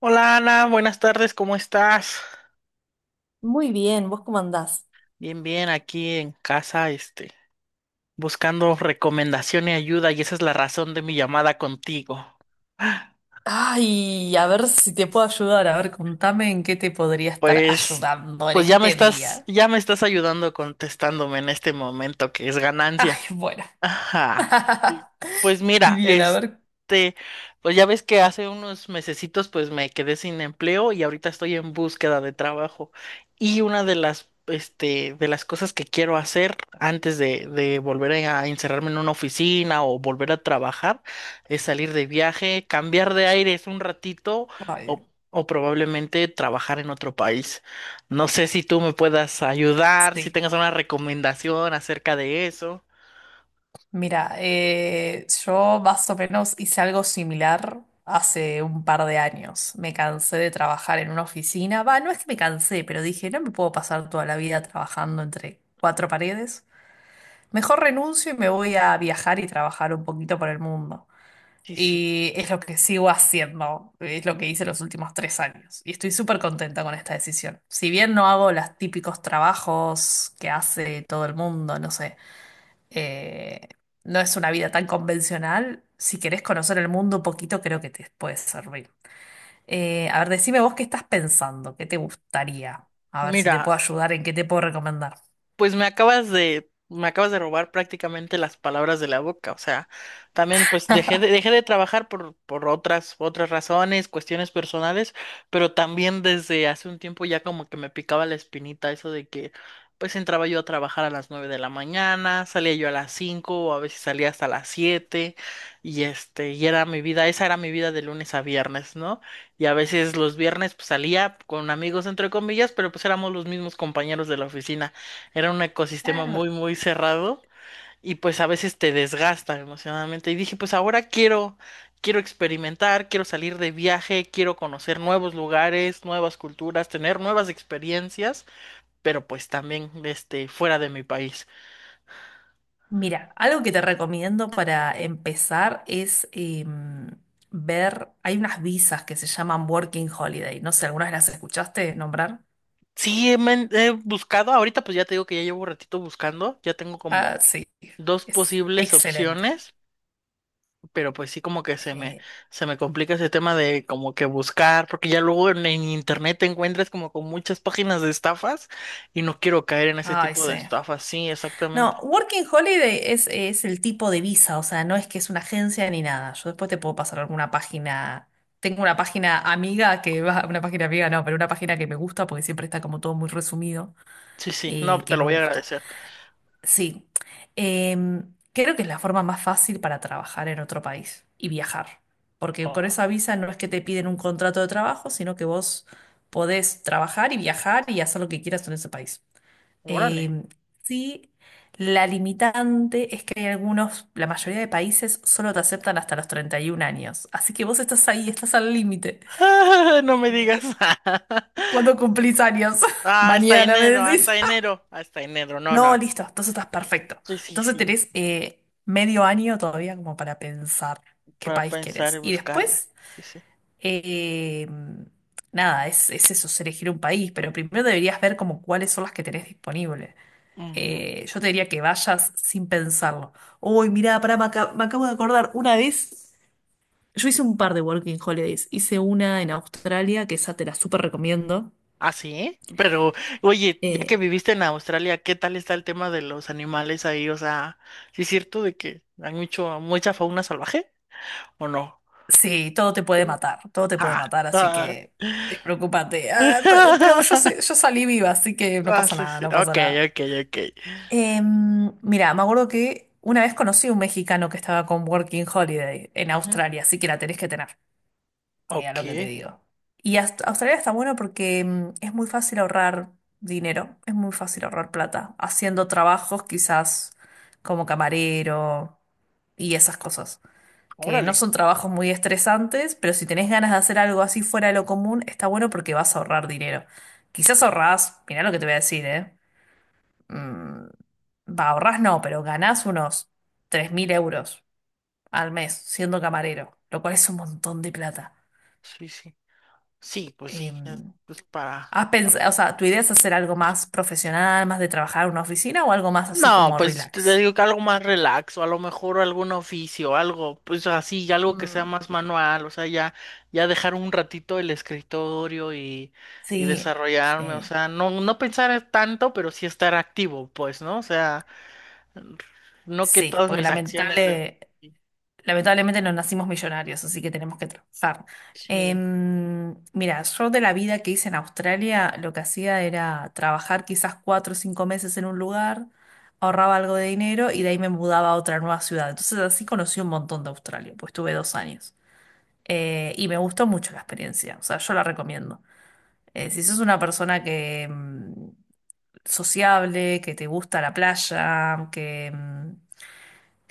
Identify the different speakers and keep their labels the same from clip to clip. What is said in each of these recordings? Speaker 1: Hola Ana, buenas tardes, ¿cómo estás?
Speaker 2: Muy bien, ¿vos cómo andás?
Speaker 1: Bien, bien, aquí en casa, buscando recomendación y ayuda, y esa es la razón de mi llamada contigo.
Speaker 2: Ay, a ver si te puedo ayudar. A ver, contame en qué te podría estar
Speaker 1: Pues,
Speaker 2: ayudando en
Speaker 1: pues ya me
Speaker 2: este
Speaker 1: estás,
Speaker 2: día.
Speaker 1: ya me estás ayudando contestándome en este momento, que es
Speaker 2: Ay,
Speaker 1: ganancia.
Speaker 2: bueno.
Speaker 1: Ajá. y- Pues mira,
Speaker 2: Bien, a ver.
Speaker 1: pues ya ves que hace unos mesecitos pues me quedé sin empleo y ahorita estoy en búsqueda de trabajo. Y una de las cosas que quiero hacer antes de volver a encerrarme en una oficina o volver a trabajar es salir de viaje, cambiar de aires un ratito
Speaker 2: Ay,
Speaker 1: o probablemente trabajar en otro país. No sé si tú me puedas ayudar, si
Speaker 2: sí.
Speaker 1: tengas una recomendación acerca de eso.
Speaker 2: Mira, yo más o menos hice algo similar hace un par de años. Me cansé de trabajar en una oficina. Va, no es que me cansé, pero dije, no me puedo pasar toda la vida trabajando entre cuatro paredes. Mejor renuncio y me voy a viajar y trabajar un poquito por el mundo.
Speaker 1: Sí, sí.
Speaker 2: Y es lo que sigo haciendo, es lo que hice los últimos tres años. Y estoy súper contenta con esta decisión. Si bien no hago los típicos trabajos que hace todo el mundo, no sé, eh, no es una vida tan convencional, si querés conocer el mundo un poquito, creo que te puede servir. A ver, decime vos qué estás pensando, qué te gustaría. A ver si te
Speaker 1: Mira,
Speaker 2: puedo ayudar, en qué te puedo recomendar.
Speaker 1: pues me acabas de robar prácticamente las palabras de la boca. O sea, también pues dejé de trabajar por otras razones, cuestiones personales, pero también desde hace un tiempo ya como que me picaba la espinita eso de que pues entraba yo a trabajar a las 9 de la mañana, salía yo a las 5, o a veces salía hasta las 7, y era mi vida, esa era mi vida de lunes a viernes, ¿no? Y a veces los viernes pues salía con amigos entre comillas, pero pues éramos los mismos compañeros de la oficina. Era un ecosistema
Speaker 2: Claro.
Speaker 1: muy, muy cerrado y pues a veces te desgasta emocionalmente. Y dije, pues ahora quiero experimentar, quiero salir de viaje, quiero conocer nuevos lugares, nuevas culturas, tener nuevas experiencias, pero pues también fuera de mi país.
Speaker 2: Mira, algo que te recomiendo para empezar es ver, hay unas visas que se llaman Working Holiday. No sé, ¿alguna vez las escuchaste nombrar?
Speaker 1: Sí, he buscado, ahorita pues ya te digo que ya llevo un ratito buscando, ya tengo como
Speaker 2: Ah, sí,
Speaker 1: dos
Speaker 2: es
Speaker 1: posibles
Speaker 2: excelente.
Speaker 1: opciones. Pero pues sí como que se me,
Speaker 2: Eh,
Speaker 1: se me complica ese tema de como que buscar, porque ya luego en internet te encuentras como con muchas páginas de estafas y no quiero caer en ese
Speaker 2: ay,
Speaker 1: tipo de
Speaker 2: sí.
Speaker 1: estafas, sí, exactamente.
Speaker 2: No, Working Holiday es el tipo de visa, o sea, no es que es una agencia ni nada. Yo después te puedo pasar alguna página. Tengo una página amiga que va, una página amiga no, pero una página que me gusta porque siempre está como todo muy resumido,
Speaker 1: Sí, sí, no, te
Speaker 2: que
Speaker 1: lo
Speaker 2: me
Speaker 1: voy a
Speaker 2: gusta.
Speaker 1: agradecer.
Speaker 2: Sí. Creo que es la forma más fácil para trabajar en otro país y viajar, porque
Speaker 1: Oh,
Speaker 2: con esa visa no es que te piden un contrato de trabajo, sino que vos podés trabajar y viajar y hacer lo que quieras en ese país.
Speaker 1: órale.
Speaker 2: Em, sí, la limitante es que hay algunos, la mayoría de países solo te aceptan hasta los 31 años, así que vos estás ahí, estás al límite.
Speaker 1: No me digas.
Speaker 2: ¿Cuándo cumplís años?
Speaker 1: Ah, hasta
Speaker 2: Mañana, me
Speaker 1: enero, hasta
Speaker 2: decís.
Speaker 1: enero, hasta enero, no, no,
Speaker 2: No,
Speaker 1: no.
Speaker 2: listo, entonces estás perfecto.
Speaker 1: Sí, sí,
Speaker 2: Entonces
Speaker 1: sí,
Speaker 2: tenés medio año todavía como para pensar qué
Speaker 1: para
Speaker 2: país
Speaker 1: pensar y
Speaker 2: querés. Y
Speaker 1: buscarle.
Speaker 2: después,
Speaker 1: Sí, sí.
Speaker 2: eh, nada, es eso, es elegir un país, pero primero deberías ver como cuáles son las que tenés disponibles.
Speaker 1: Ujú.
Speaker 2: Yo te diría que vayas sin pensarlo. Uy, mirá, pará, me, me acabo de acordar, una vez yo hice un par de Working Holidays, hice una en Australia, que esa te la súper recomiendo.
Speaker 1: Ah, sí, pero oye, ya
Speaker 2: Eh,
Speaker 1: que viviste en Australia, ¿qué tal está el tema de los animales ahí? O sea, ¿sí es cierto de que hay mucha fauna salvaje o no?
Speaker 2: Sí, todo te puede
Speaker 1: Sí.
Speaker 2: matar, todo te puede
Speaker 1: Ah,
Speaker 2: matar, así
Speaker 1: ah.
Speaker 2: que preocúpate. Ah, pero yo, yo salí viva, así que no
Speaker 1: Ah,
Speaker 2: pasa
Speaker 1: sí,
Speaker 2: nada,
Speaker 1: sí.
Speaker 2: no pasa
Speaker 1: Ok,
Speaker 2: nada.
Speaker 1: ok, ok.
Speaker 2: Mira, me acuerdo que una vez conocí a un mexicano que estaba con Working Holiday en
Speaker 1: Ujú.
Speaker 2: Australia, así que la tenés que tener, mira
Speaker 1: Ok,
Speaker 2: lo que te digo. Y Australia está bueno porque es muy fácil ahorrar dinero, es muy fácil ahorrar plata, haciendo trabajos quizás como camarero y esas cosas que no
Speaker 1: órale.
Speaker 2: son trabajos muy estresantes, pero si tenés ganas de hacer algo así fuera de lo común, está bueno porque vas a ahorrar dinero. Quizás ahorrás, mirá lo que te voy a decir, ¿eh? Mm, va, ahorrás no, pero ganás unos 3000 euros al mes siendo camarero, lo cual es un montón de plata.
Speaker 1: Sí, sí. Sí, pues
Speaker 2: Eh,
Speaker 1: sí, es, pues para,
Speaker 2: ¿Has
Speaker 1: para
Speaker 2: pensado, o sea, tu idea es hacer algo más profesional, más de trabajar en una oficina o algo más así
Speaker 1: No,
Speaker 2: como
Speaker 1: pues si te
Speaker 2: relax?
Speaker 1: digo que algo más relaxo, a lo mejor algún oficio, algo, pues así, algo que sea
Speaker 2: Mm,
Speaker 1: más manual, o sea, ya, ya dejar un ratito el escritorio y
Speaker 2: sí,
Speaker 1: desarrollarme, o
Speaker 2: sí,
Speaker 1: sea, no, no pensar tanto, pero sí estar activo, pues, ¿no? O sea, no que
Speaker 2: sí,
Speaker 1: todas
Speaker 2: porque
Speaker 1: mis acciones de... Sí,
Speaker 2: lamentablemente no nacimos millonarios, así que tenemos que trabajar.
Speaker 1: sí.
Speaker 2: Mira, yo de la vida que hice en Australia, lo que hacía era trabajar quizás cuatro o cinco meses en un lugar, ahorraba algo de dinero y de ahí me mudaba a otra nueva ciudad. Entonces así conocí un montón de Australia, pues tuve dos años. Y me gustó mucho la experiencia, o sea, yo la recomiendo. Si sos una persona que sociable, que te gusta la playa, que...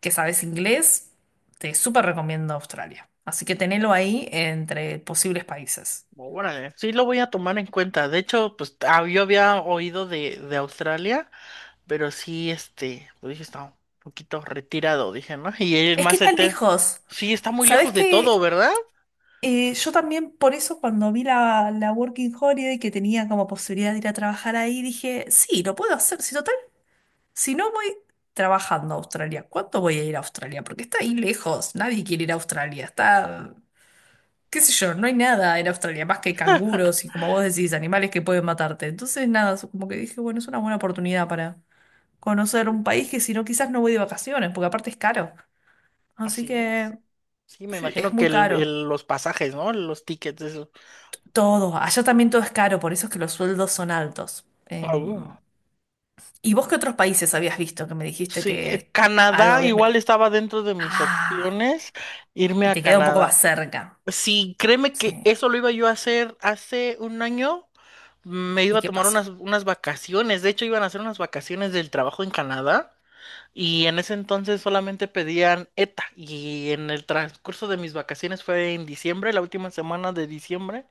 Speaker 2: que sabes inglés, te súper recomiendo Australia. Así que tenelo ahí entre posibles países.
Speaker 1: Órale, sí lo voy a tomar en cuenta. De hecho, pues yo había oído de Australia. Pero sí, lo dije, está un poquito retirado, dije, ¿no? Y el
Speaker 2: Es que
Speaker 1: más
Speaker 2: está
Speaker 1: certero,
Speaker 2: lejos.
Speaker 1: sí, está muy
Speaker 2: ¿Sabés
Speaker 1: lejos de todo,
Speaker 2: que
Speaker 1: ¿verdad?
Speaker 2: yo también por eso cuando vi la Working Holiday que tenía como posibilidad de ir a trabajar ahí, dije, sí, lo puedo hacer. Si total, si no voy trabajando a Australia, ¿cuánto voy a ir a Australia? Porque está ahí lejos. Nadie quiere ir a Australia. Está qué sé yo, no hay nada en Australia más que canguros y como vos decís, animales que pueden matarte. Entonces, nada, como que dije, bueno, es una buena oportunidad para conocer un país que si no, quizás no voy de vacaciones, porque aparte es caro. Así
Speaker 1: Así es.
Speaker 2: que
Speaker 1: Sí, me
Speaker 2: sí, es
Speaker 1: imagino que
Speaker 2: muy caro.
Speaker 1: los pasajes, ¿no? Los tickets, eso.
Speaker 2: Todo, allá también todo es caro, por eso es que los sueldos son altos.
Speaker 1: Ah, uh.
Speaker 2: ¿Y vos qué otros países habías visto que me dijiste
Speaker 1: Sí,
Speaker 2: que algo
Speaker 1: Canadá
Speaker 2: habías...
Speaker 1: igual estaba dentro de mis
Speaker 2: Ah,
Speaker 1: opciones, irme
Speaker 2: y
Speaker 1: a
Speaker 2: te queda un poco
Speaker 1: Canadá.
Speaker 2: más cerca.
Speaker 1: Sí, créeme que
Speaker 2: Sí.
Speaker 1: eso lo iba yo a hacer hace un año. Me
Speaker 2: ¿Y
Speaker 1: iba a
Speaker 2: qué
Speaker 1: tomar
Speaker 2: pasó?
Speaker 1: unas vacaciones, de hecho iban a hacer unas vacaciones del trabajo en Canadá. Y en ese entonces solamente pedían ETA. Y en el transcurso de mis vacaciones fue en diciembre, la última semana de diciembre,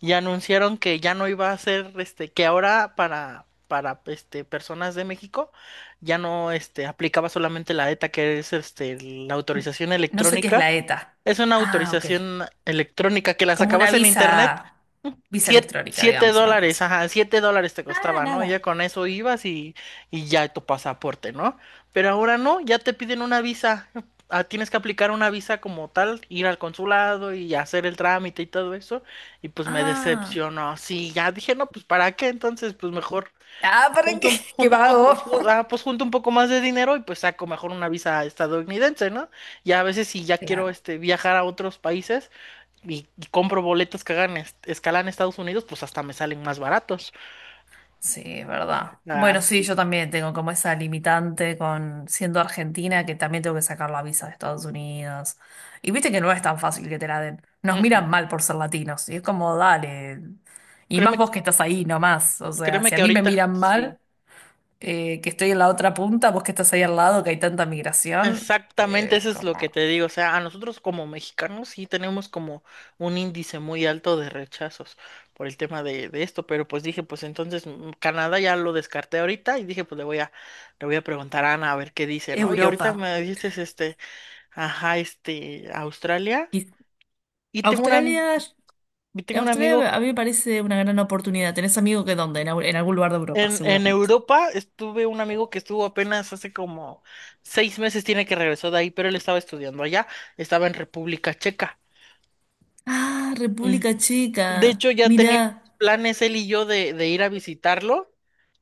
Speaker 1: y anunciaron que ya no iba a ser, que ahora para personas de México ya no aplicaba solamente la ETA, que es la
Speaker 2: N-
Speaker 1: autorización
Speaker 2: No sé qué es
Speaker 1: electrónica.
Speaker 2: la ETA.
Speaker 1: Es una
Speaker 2: Ah, ok.
Speaker 1: autorización electrónica que la
Speaker 2: Como una
Speaker 1: sacabas en internet.
Speaker 2: visa, visa
Speaker 1: Siete,
Speaker 2: electrónica,
Speaker 1: siete
Speaker 2: digamos, una cosa.
Speaker 1: dólares,
Speaker 2: Así.
Speaker 1: ajá, $7 te
Speaker 2: Ah,
Speaker 1: costaba, ¿no? Ya
Speaker 2: nada.
Speaker 1: con eso ibas y ya tu pasaporte, ¿no? Pero ahora no, ya te piden una visa. Ah, tienes que aplicar una visa como tal, ir al consulado y hacer el trámite y todo eso. Y pues me
Speaker 2: Ah,
Speaker 1: decepcionó. Sí, ya dije, no, pues ¿para qué? Entonces, pues mejor
Speaker 2: ah, ¿para qué? ¿Qué vago?
Speaker 1: junto un poco más de dinero y pues saco mejor una visa estadounidense, ¿no? Ya a veces si ya quiero
Speaker 2: Claro,
Speaker 1: viajar a otros países y compro boletos que hagan escala en Estados Unidos, pues hasta me salen más baratos.
Speaker 2: sí, es verdad.
Speaker 1: Ah,
Speaker 2: Bueno, sí,
Speaker 1: sí.
Speaker 2: yo también tengo como esa limitante con siendo argentina que también tengo que sacar la visa de Estados Unidos. Y viste que no es tan fácil que te la den. Nos
Speaker 1: Mm, mm.
Speaker 2: miran mal por ser latinos. Y es como, dale. Y más
Speaker 1: Créeme,
Speaker 2: vos que estás ahí nomás. O sea,
Speaker 1: créeme
Speaker 2: si a
Speaker 1: que
Speaker 2: mí me
Speaker 1: ahorita,
Speaker 2: miran
Speaker 1: sí,
Speaker 2: mal, que estoy en la otra punta, vos que estás ahí al lado, que hay tanta migración,
Speaker 1: exactamente
Speaker 2: es
Speaker 1: eso es lo que
Speaker 2: como.
Speaker 1: te digo. O sea, a nosotros como mexicanos sí tenemos como un índice muy alto de rechazos por el tema de esto, pero pues dije, pues entonces Canadá ya lo descarté ahorita y dije, pues le voy a preguntar a Ana a ver qué dice, ¿no? Y ahorita
Speaker 2: Europa.
Speaker 1: me dijiste, ajá, Australia.
Speaker 2: Y
Speaker 1: Y tengo una,
Speaker 2: Australia,
Speaker 1: y tengo un amigo.
Speaker 2: Australia a mí me parece una gran oportunidad. ¿Tenés amigo que dónde? En, en algún lugar de Europa,
Speaker 1: En
Speaker 2: seguramente.
Speaker 1: Europa estuve un amigo que estuvo apenas hace como 6 meses, tiene que regresó de ahí, pero él estaba estudiando allá, estaba en República Checa.
Speaker 2: Ah,
Speaker 1: Mm,
Speaker 2: República
Speaker 1: De
Speaker 2: Checa.
Speaker 1: hecho, ya
Speaker 2: Mirá.
Speaker 1: teníamos planes él y yo de ir a visitarlo,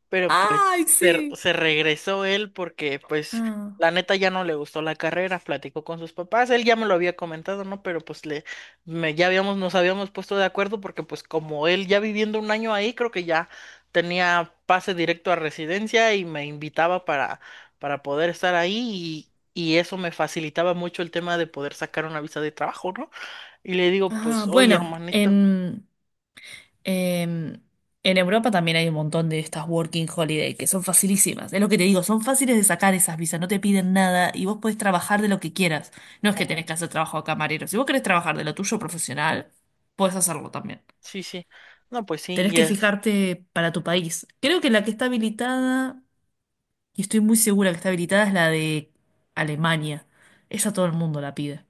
Speaker 1: pero
Speaker 2: ¡Ay,
Speaker 1: pues se,
Speaker 2: sí!
Speaker 1: se regresó él porque pues
Speaker 2: Ah,
Speaker 1: la neta ya no le gustó la carrera, platicó con sus papás, él ya me lo había comentado, ¿no? Pero pues ya habíamos, nos habíamos puesto de acuerdo porque pues como él ya viviendo un año ahí, creo que ya tenía pase directo a residencia y me invitaba para poder estar ahí y eso me facilitaba mucho el tema de poder sacar una visa de trabajo, ¿no? Y le digo,
Speaker 2: ah,
Speaker 1: pues, oye,
Speaker 2: bueno,
Speaker 1: hermanito,
Speaker 2: en, en Europa también hay un montón de estas working holiday que son facilísimas. Es lo que te digo, son fáciles de sacar esas visas, no te piden nada y vos podés trabajar de lo que quieras. No es que
Speaker 1: oh,
Speaker 2: tenés que hacer trabajo de camarero. Si vos querés trabajar de lo tuyo profesional, podés hacerlo también.
Speaker 1: sí, sí, no, pues sí,
Speaker 2: Tenés
Speaker 1: y
Speaker 2: que
Speaker 1: es,
Speaker 2: fijarte para tu país. Creo que la que está habilitada, y estoy muy segura que está habilitada, es la de Alemania. Esa todo el mundo la pide.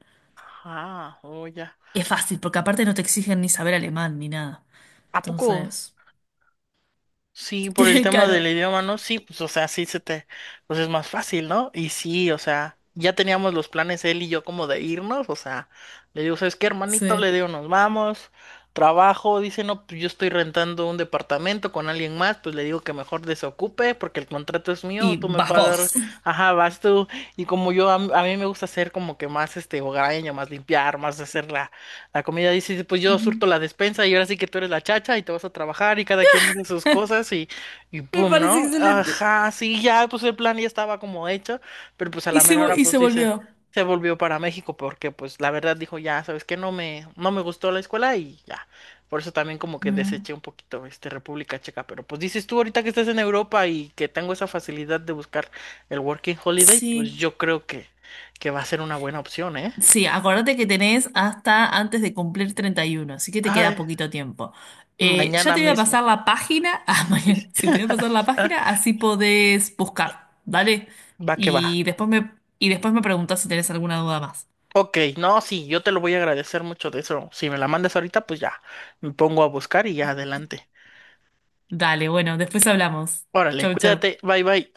Speaker 1: ah, oh, ya.
Speaker 2: Es fácil, porque aparte no te exigen ni saber alemán ni nada.
Speaker 1: ¿A poco?
Speaker 2: Entonces,
Speaker 1: Sí, por el tema
Speaker 2: claro,
Speaker 1: del idioma, ¿no? Sí, pues, o sea, sí se te, pues es más fácil, ¿no? Y sí, o sea, ya teníamos los planes él y yo como de irnos, o sea, le digo, ¿sabes qué, hermanito?
Speaker 2: sí.
Speaker 1: Le digo, nos vamos, trabajo, dice, no, pues yo estoy rentando un departamento con alguien más, pues le digo que mejor desocupe porque el contrato es mío,
Speaker 2: Y
Speaker 1: tú me
Speaker 2: vas
Speaker 1: pagas,
Speaker 2: vos.
Speaker 1: ajá, vas tú, y como yo, a mí me gusta hacer como que más, hogareño, más limpiar, más hacer la comida dice, pues yo
Speaker 2: Ujú.
Speaker 1: surto la despensa y ahora sí que tú eres la chacha y te vas a trabajar y cada quien hizo sus cosas y
Speaker 2: Me
Speaker 1: pum,
Speaker 2: parece
Speaker 1: ¿no?
Speaker 2: excelente.
Speaker 1: Ajá, sí, ya, pues el plan ya estaba como hecho, pero pues a
Speaker 2: Y
Speaker 1: la
Speaker 2: se,
Speaker 1: mera hora,
Speaker 2: y
Speaker 1: pues
Speaker 2: se
Speaker 1: dice,
Speaker 2: volvió.
Speaker 1: se volvió para México porque pues la verdad dijo, ya, sabes que no me gustó la escuela y ya. Por eso también como que
Speaker 2: Mm,
Speaker 1: deseché un poquito República Checa, pero pues dices tú ahorita que estás en Europa y que tengo esa facilidad de buscar el Working Holiday, pues
Speaker 2: sí.
Speaker 1: yo creo que va a ser una buena opción, ¿eh?
Speaker 2: Sí, acuérdate que tenés hasta antes de cumplir 31, así que te queda
Speaker 1: Ay,
Speaker 2: poquito tiempo. Ya
Speaker 1: mañana
Speaker 2: te voy a
Speaker 1: mismo.
Speaker 2: pasar la página, ah,
Speaker 1: Sí,
Speaker 2: mañana,
Speaker 1: sí.
Speaker 2: sí, te voy a pasar la página, así podés buscar, vale.
Speaker 1: Va que va.
Speaker 2: Y después me, y después me preguntás si tenés alguna duda más.
Speaker 1: Ok, no, sí, yo te lo voy a agradecer mucho de eso. Si me la mandas ahorita, pues ya, me pongo a buscar y ya adelante.
Speaker 2: Dale, bueno, después hablamos.
Speaker 1: Órale,
Speaker 2: Chau, chau.
Speaker 1: cuídate, bye bye.